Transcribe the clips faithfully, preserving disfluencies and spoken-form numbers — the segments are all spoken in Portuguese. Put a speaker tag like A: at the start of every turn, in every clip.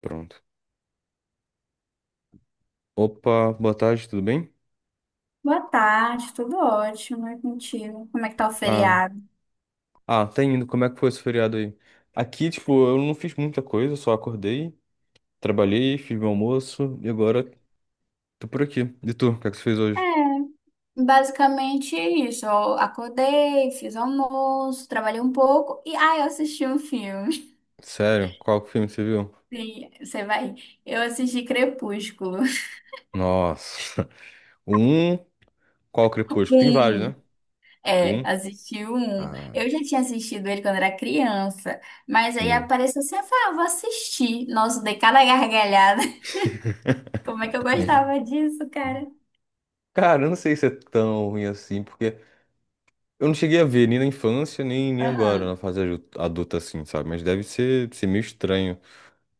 A: Pronto. Opa, boa tarde, tudo bem?
B: Boa tarde, tudo ótimo, é contigo. Como é que tá o
A: Ah,
B: feriado?
A: ah, tá indo. Como é que foi esse feriado aí? Aqui, tipo, eu não fiz muita coisa, só acordei, trabalhei, fiz meu almoço e agora tô por aqui. E tu, o que é que você fez hoje?
B: É, basicamente isso. Eu acordei, fiz almoço, trabalhei um pouco e aí eu assisti um filme.
A: Sério? Qual filme você viu?
B: Sim, você vai. Eu assisti Crepúsculo.
A: Nossa. O Um, qual Crepúsculo? Tem vários,
B: Um,
A: né? O
B: é,
A: Um,
B: assisti o um.
A: Ah,
B: Eu já tinha assistido ele quando era criança, mas aí
A: sim.
B: apareceu assim, eu falei, ah, vou assistir. Nossa, dei cada gargalhada. Como é que eu gostava disso, cara?
A: Cara, eu não sei se é tão ruim assim, porque eu não cheguei a ver nem na infância, nem, nem agora,
B: Aham.
A: na fase adu- adulta assim, sabe? Mas deve ser, ser meio estranho.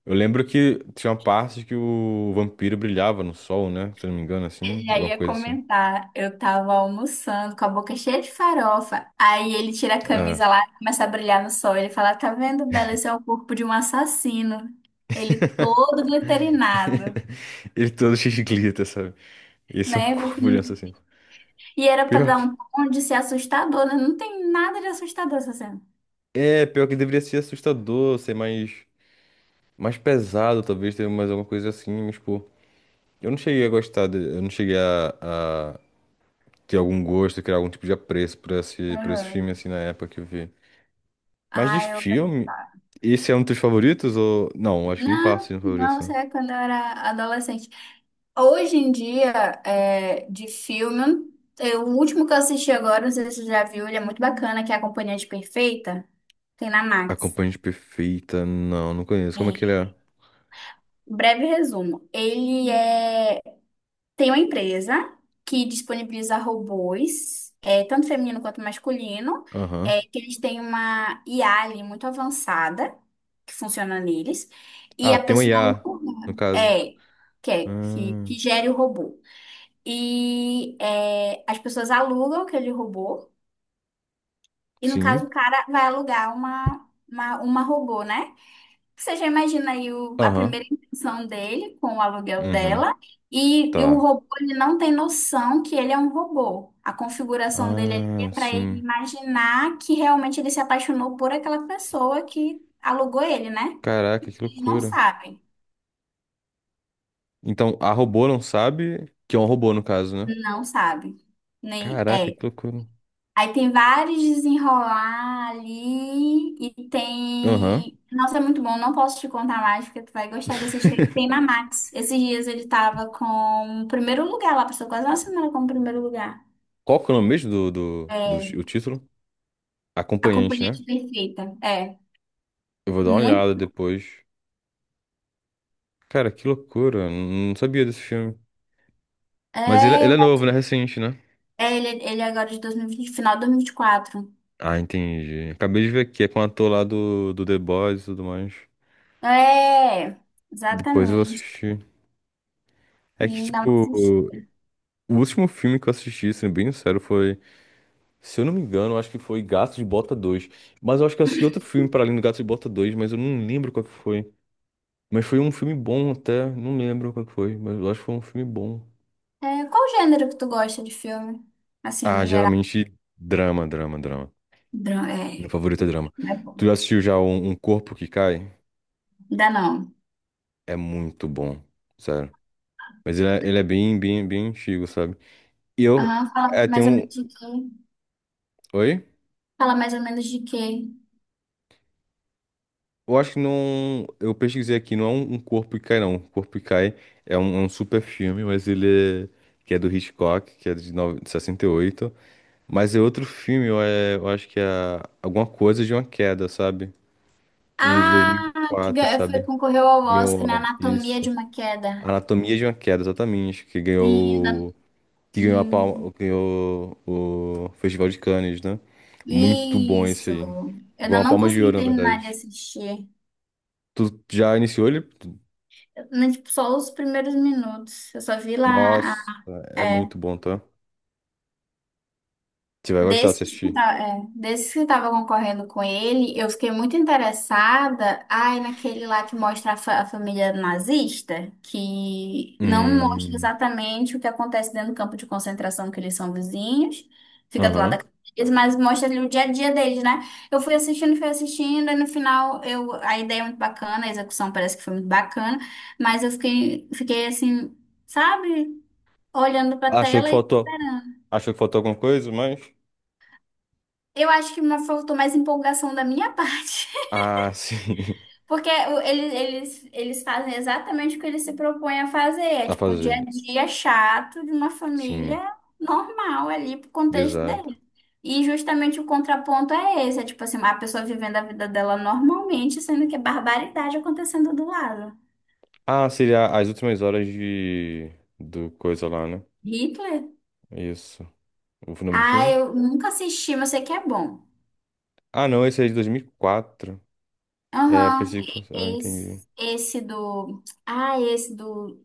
A: Eu lembro que tinha uma parte que o vampiro brilhava no sol, né? Se eu não me engano,
B: Ele
A: assim,
B: já
A: alguma
B: ia
A: coisa assim.
B: comentar, eu tava almoçando com a boca cheia de farofa. Aí ele tira a
A: Ah.
B: camisa lá, começa a brilhar no sol. Ele fala: Tá vendo, Bela? Esse é o corpo de um assassino. Ele todo glitterinado,
A: Ele todo cheio de glitter, sabe? Esse é um
B: né?
A: corpo de um assassino.
B: E era pra
A: Pior
B: dar
A: que.
B: um tom de ser assustador, né? Não tem nada de assustador essa cena.
A: É, pior que deveria ser assustador, ser mais. Mais pesado, talvez, ter mais alguma coisa assim, mas, pô. Eu não cheguei a gostar, de- eu não cheguei a, a ter algum gosto, criar algum tipo de apreço por esse, por esse
B: Aham.
A: filme, assim, na época que eu vi. Mas de
B: Ah, eu.
A: filme,
B: gostava.
A: esse é um dos teus favoritos ou. Não, acho que nem passa
B: Não,
A: de um
B: não,
A: favorito.
B: isso
A: Né?
B: é quando eu era adolescente. Hoje em dia, é, de filme, eu- o último que eu assisti agora, não sei se você já viu, ele é muito bacana, que é A Companhia de Perfeita, tem na Max.
A: Acompanhante perfeita. Não, não conheço. Como é que ele
B: É.
A: é?
B: Breve resumo. Ele é, tem uma empresa que disponibiliza robôs, é, tanto feminino quanto masculino,
A: Aham.
B: é, que eles têm uma I A ali muito avançada, que funciona neles, e
A: Ah,
B: a
A: tem um
B: pessoa
A: I A,
B: aluga,
A: no caso.
B: é, que, é-
A: Ah,
B: que, que gere o robô. E é, as pessoas alugam aquele robô. E no caso,
A: sim.
B: o cara vai alugar uma, uma, uma robô, né? Você já imagina aí o- a
A: Aham.
B: primeira intenção dele com o aluguel
A: Uhum.
B: dela. E, e o
A: Tá.
B: robô, ele não tem noção que ele é um robô. A configuração dele ali é
A: Ah,
B: para ele
A: sim.
B: imaginar que realmente ele se apaixonou por aquela pessoa que alugou ele, né?
A: Caraca,
B: E
A: que
B: ele não
A: loucura.
B: sabe.
A: Então, a robô não sabe que é um robô, no caso, né?
B: Não sabe. Nem,
A: Caraca, que
B: é.
A: loucura.
B: Aí tem vários desenrolar ali e
A: Aham.
B: tem. Nossa, é muito bom, não posso te contar mais, porque tu vai gostar de assistir. Tem na Max. Esses dias ele tava com o primeiro lugar lá, passou quase uma semana com o primeiro lugar.
A: Qual que é o nome mesmo do, do, do ti-
B: É,
A: o título?
B: A
A: Acompanhante,
B: Companhia
A: né?
B: de Perfeita. É,
A: Eu vou dar uma olhada
B: muito.
A: depois. Cara, que loucura. Não sabia desse filme. Mas ele, é-
B: É,
A: ele
B: eu-
A: é novo, né? Recente, né?
B: é, ele, ele é agora de dois mil e vinte, final de dois mil e vinte e quatro.
A: Ah, entendi. Acabei de ver aqui, é com o ator lá do, do The Boys e tudo mais.
B: É,
A: Depois eu
B: exatamente.
A: assisti. É que,
B: E dá uma
A: tipo,
B: assistida.
A: o último filme que eu assisti, sendo bem sincero, foi, se eu não me engano, eu acho que foi Gato de Bota dois. Mas eu acho que eu assisti outro filme para além do Gato de Bota dois, mas eu não lembro qual que foi. Mas foi um filme bom até, não lembro qual que foi, mas eu acho que foi um filme bom.
B: É, qual gênero que tu gosta de filme? Assim,
A: Ah,
B: no geral.
A: geralmente drama, drama, drama.
B: Dra-
A: Meu
B: É,
A: favorito é drama.
B: é bom.
A: Tu já assistiu já um, um Corpo que Cai?
B: Ainda não.
A: É muito bom, sério. Mas ele é, ele é bem, bem, bem antigo, sabe? E eu,
B: Ah, fala
A: é, tem
B: mais ou
A: um.
B: menos de quê?
A: Oi?
B: Fala mais ou menos de quê?
A: Eu acho que não. Eu pesquisei aqui, não é um, um Corpo e Cai, não. Um Corpo e Cai é um, é um super filme, mas ele é. Que é do Hitchcock, que é de, nove- de sessenta e oito. Mas é outro filme, eu, é, eu acho que é alguma coisa de uma queda, sabe? Um de dois
B: Ah,
A: mil e
B: que
A: quatro
B: ga- foi,
A: sabe?
B: concorreu ao
A: Ganhou,
B: Oscar na
A: ah,
B: Anatomia de
A: isso.
B: uma Queda.
A: Anatomia de uma queda, exatamente. Que
B: Sim, ainda-
A: ganhou. Que ganhou a
B: hum,
A: palma. Ganhou o Festival de Cannes, né? Muito bom esse
B: isso.
A: aí.
B: Eu
A: Ganhou
B: ainda
A: uma
B: não
A: palma de
B: consegui
A: ouro, na
B: terminar de
A: verdade.
B: assistir.
A: Tu já iniciou ele?
B: Eu, né, tipo, só os primeiros minutos. Eu só vi lá.
A: Nossa, é muito bom, tá? Você vai gostar de
B: Desses que
A: assistir.
B: tá, é, desses que tava concorrendo com ele, eu fiquei muito interessada, ai, naquele lá que mostra a, fa- a família nazista, que não mostra
A: Hum.
B: exatamente o que acontece dentro do campo de concentração, que eles são vizinhos, fica do lado
A: Aham.
B: da casa deles, mas mostra ali o dia a dia deles, né? Eu fui assistindo, fui assistindo, e no final eu, a ideia é muito bacana, a execução parece que foi muito bacana, mas eu fiquei, fiquei assim, sabe, olhando pra
A: Achou que
B: tela e
A: faltou.
B: esperando.
A: Achou que faltou alguma coisa, mas.
B: Eu acho que uma- faltou mais empolgação da minha parte.
A: Ah, sim.
B: Porque o- eles, eles, eles fazem exatamente o que eles se propõem a fazer. É
A: A
B: tipo um dia a
A: fazer.
B: dia chato de uma família
A: Sim,
B: normal ali pro contexto
A: exato.
B: dele. E justamente o contraponto é esse. É tipo assim, a pessoa vivendo a vida dela normalmente, sendo que é barbaridade acontecendo do lado.
A: Ah, seria as últimas horas de. Do coisa lá, né?
B: Hitler?
A: Isso. O nome do
B: Ah,
A: filme?
B: eu nunca assisti, mas sei que é bom.
A: Ah, não, esse é de dois mil e quatro. É,
B: Aham.
A: pensei que fosse. Ah, entendi.
B: Esse, esse do. Ah, esse do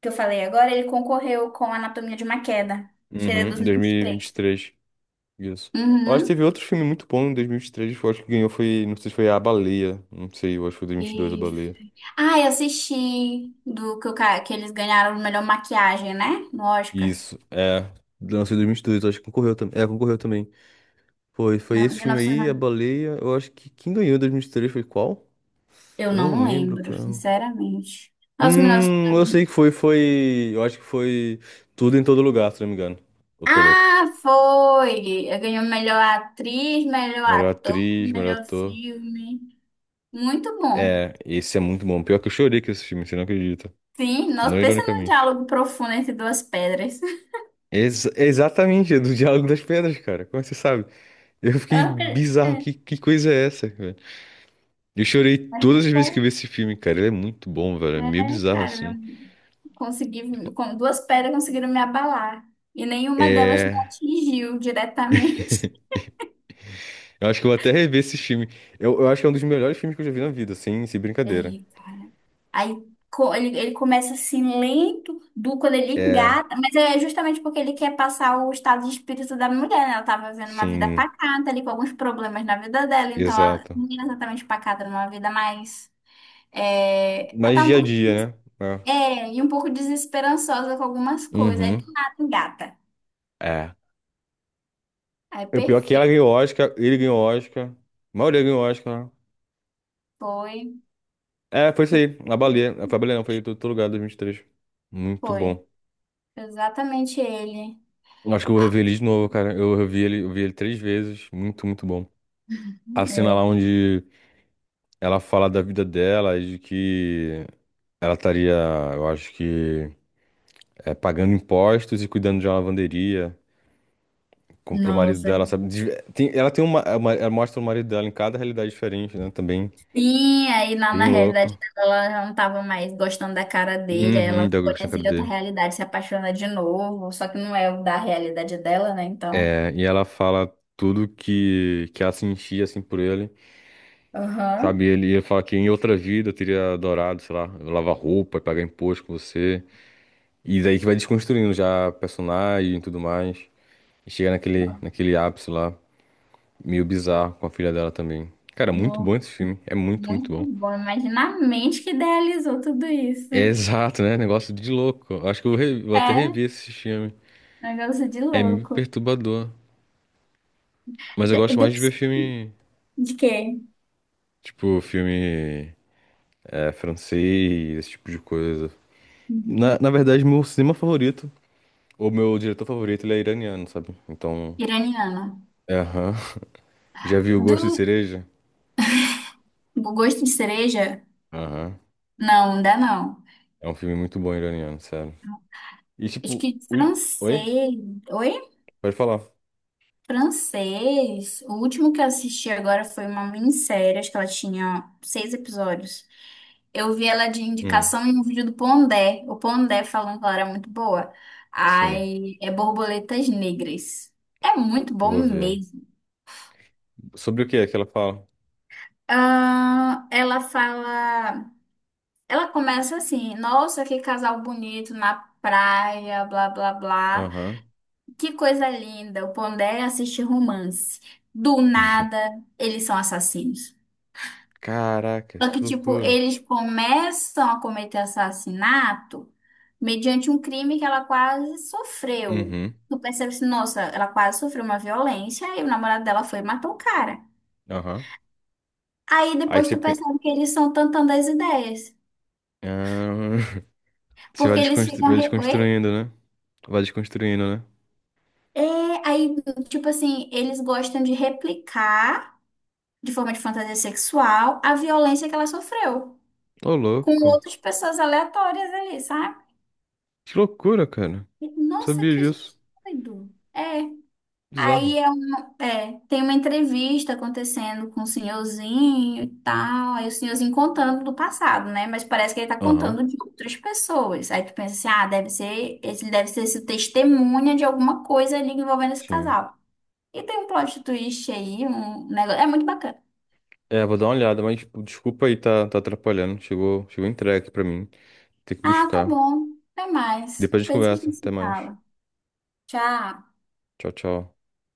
B: que eu falei agora, ele concorreu com Anatomia de uma Queda. Acho que ele é dois
A: Uhum,
B: mil e vinte e três
A: dois mil e vinte e três. Isso. Eu acho que teve
B: Uhum.
A: outro filme muito bom em dois mil e vinte e três, que eu acho que ganhou foi, não sei se foi A Baleia, não sei, eu acho que foi dois mil e vinte e dois A
B: E...
A: Baleia.
B: Ah, eu assisti do que, o ca- que eles ganharam de melhor maquiagem, né? No Oscar.
A: Isso, é, lançou em dois mil e vinte e dois, eu acho que concorreu também. É, concorreu também. Foi, foi
B: No-
A: esse
B: mil e
A: filme aí,
B: novecentos
A: A Baleia, eu acho que quem ganhou em dois mil e vinte e três foi qual?
B: Eu
A: Eu não
B: não
A: lembro,
B: lembro,
A: cara.
B: sinceramente. Nossa,
A: Hum, eu sei que
B: mil novecentos e noventa.
A: foi, foi, eu acho que foi Tudo em Todo Lugar, se não me engano. Eu tô louco.
B: Ah, foi! Eu ganhei melhor atriz, melhor
A: Melhor
B: ator,
A: atriz, melhor
B: melhor
A: ator.
B: filme. Muito bom.
A: É, esse é muito bom. Pior que eu chorei com esse filme, você não acredita.
B: Sim, nós
A: Não
B: pensa num
A: ironicamente.
B: diálogo profundo entre duas pedras.
A: Ex- exatamente, é do Diálogo das Pedras, cara. Como é você sabe? Eu
B: Eu
A: fiquei
B: não acredito.
A: bizarro.
B: É.
A: Que, que coisa é essa, velho? Eu chorei
B: mas que
A: todas as vezes que eu
B: foi.
A: vi esse filme, cara. Ele é muito bom, velho. É meio
B: É,
A: bizarro,
B: cara, eu
A: assim.
B: consegui, com duas pedras conseguiram me abalar. E nenhuma delas me
A: É.
B: atingiu diretamente.
A: Eu acho que eu vou até rever esse filme. Eu, eu acho que é um dos melhores filmes que eu já vi na vida, sem, sem brincadeira.
B: Aí, cara. Aí co- ele, ele começa assim lento, do quando ele
A: É,
B: engata, mas é justamente porque ele quer passar o estado de espírito da mulher, né? Ela tava vivendo uma vida
A: sim,
B: pacata ali, com alguns problemas na vida dela, então ela
A: exato.
B: não era exatamente pacata, era uma vida mais. É, ela
A: Mas
B: tá um
A: dia a
B: pouco.
A: dia, né? É.
B: É, e um pouco desesperançosa com algumas coisas. Aí do
A: Uhum.
B: nada engata.
A: É.
B: Aí
A: O pior é que ela
B: perfeito.
A: ganhou Oscar, ele ganhou Oscar. A maioria ganhou Oscar. Né?
B: Foi.
A: É, foi isso aí. A baleia. Foi a baleia, não, foi em todo lugar dois mil e vinte e três. Muito
B: Foi
A: bom.
B: exatamente ele.
A: Acho que eu vou rever ele de novo, cara. Eu revi ele, eu vi ele três vezes. Muito, muito bom. A cena
B: É,
A: lá onde ela fala da vida dela e de que ela estaria, eu acho que, é, pagando impostos e cuidando de uma lavanderia. Comprou o marido
B: nossa.
A: dela, sabe? De- tem- ela tem uma, uma- Ela mostra o marido dela em cada realidade diferente, né? Também
B: Sim, aí na,
A: bem
B: na realidade
A: louco.
B: dela, ela já não tava mais gostando da cara dele, aí
A: Uhum,
B: ela
A: da Gostei,
B: conhece
A: cara
B: outra
A: dele.
B: realidade, se apaixona de novo, só que não é o da realidade dela, né? Então.
A: É, e ela fala tudo que, que ela sentia, assim, por ele.
B: Aham.
A: Sabe, ele ia falar que em outra vida eu teria adorado, sei lá, lavar roupa, pagar imposto com você. E daí que vai desconstruindo já a personagem e tudo mais. E chega naquele, naquele ápice lá, meio bizarro, com a filha dela também. Cara, muito
B: No-
A: bom esse filme. É muito, muito
B: Muito
A: bom.
B: bom. Imagina a mente que idealizou tudo isso.
A: É exato, né? Negócio de louco. Eu acho que eu re- vou até
B: É,
A: rever esse filme.
B: negócio de
A: É meio
B: louco.
A: perturbador. Mas eu
B: De,
A: gosto
B: de,
A: mais de ver filme,
B: de quê?
A: tipo, filme é, francês, esse tipo de coisa. Na,
B: Uhum.
A: na verdade, meu cinema favorito. O meu diretor favorito, ele é iraniano, sabe? Então,
B: Iraniana.
A: é, aham. Já viu Gosto de
B: Do
A: Cereja?
B: do gosto de cereja?
A: Aham.
B: Não, ainda não.
A: É um filme muito bom iraniano, sério. E
B: Acho
A: tipo,
B: que
A: ui... oi?
B: francês. Oi?
A: Pode falar.
B: Francês. O último que eu assisti agora foi uma minissérie, acho que ela tinha seis episódios. Eu vi ela de
A: Hum,
B: indicação em um vídeo do Pondé. O Pondé falando que ela era muito boa.
A: sim,
B: Ai, é Borboletas Negras. É muito bom
A: vou ver.
B: mesmo.
A: Sobre o que é que ela fala?
B: Ah, ela fala. Ela começa assim: Nossa, que casal bonito na praia, blá blá blá.
A: Aham.
B: Que coisa linda, o Pondé assiste romance. Do nada, eles são assassinos.
A: Caraca,
B: Só que,
A: que
B: tipo,
A: loucura.
B: eles começam a cometer assassinato mediante um crime que ela quase sofreu.
A: Uhum,
B: Tu percebe assim, nossa, ela quase sofreu uma violência e o namorado dela foi e matou o cara.
A: aham.
B: Aí
A: Aí
B: depois
A: você...
B: tu
A: pe-
B: percebe que eles são tantando as ideias.
A: Ah, Você vai
B: Porque eles
A: desconstru...
B: ficam.
A: vai
B: Re... Oi?
A: desconstruindo, né? Vai desconstruindo, né?
B: É, aí, tipo assim, eles gostam de replicar, de forma de fantasia sexual, a violência que ela sofreu.
A: Ô,
B: com
A: louco.
B: outras pessoas aleatórias ali, sabe?
A: Que loucura, cara. Não
B: E, Nossa,
A: sabia
B: que
A: disso.
B: gente doido. É. Aí
A: Bizarro.
B: é uma, é, tem uma entrevista acontecendo com o senhorzinho e tal. Aí o senhorzinho contando do passado, né? Mas parece que ele tá
A: Aham,
B: contando de outras pessoas. Aí tu pensa assim, ah, deve ser, ele deve ser esse testemunha de alguma coisa ali envolvendo esse
A: sim.
B: casal. E tem um plot twist aí, um negócio. É muito bacana.
A: É, vou dar uma olhada, mas tipo, desculpa aí, tá, tá atrapalhando. Chegou, chegou entregue pra mim. Tem que
B: Ah, tá
A: buscar.
B: bom. Até mais.
A: Depois a gente
B: Depois a
A: conversa.
B: gente
A: Até
B: se
A: mais.
B: fala. Tchau.
A: Tchau, tchau.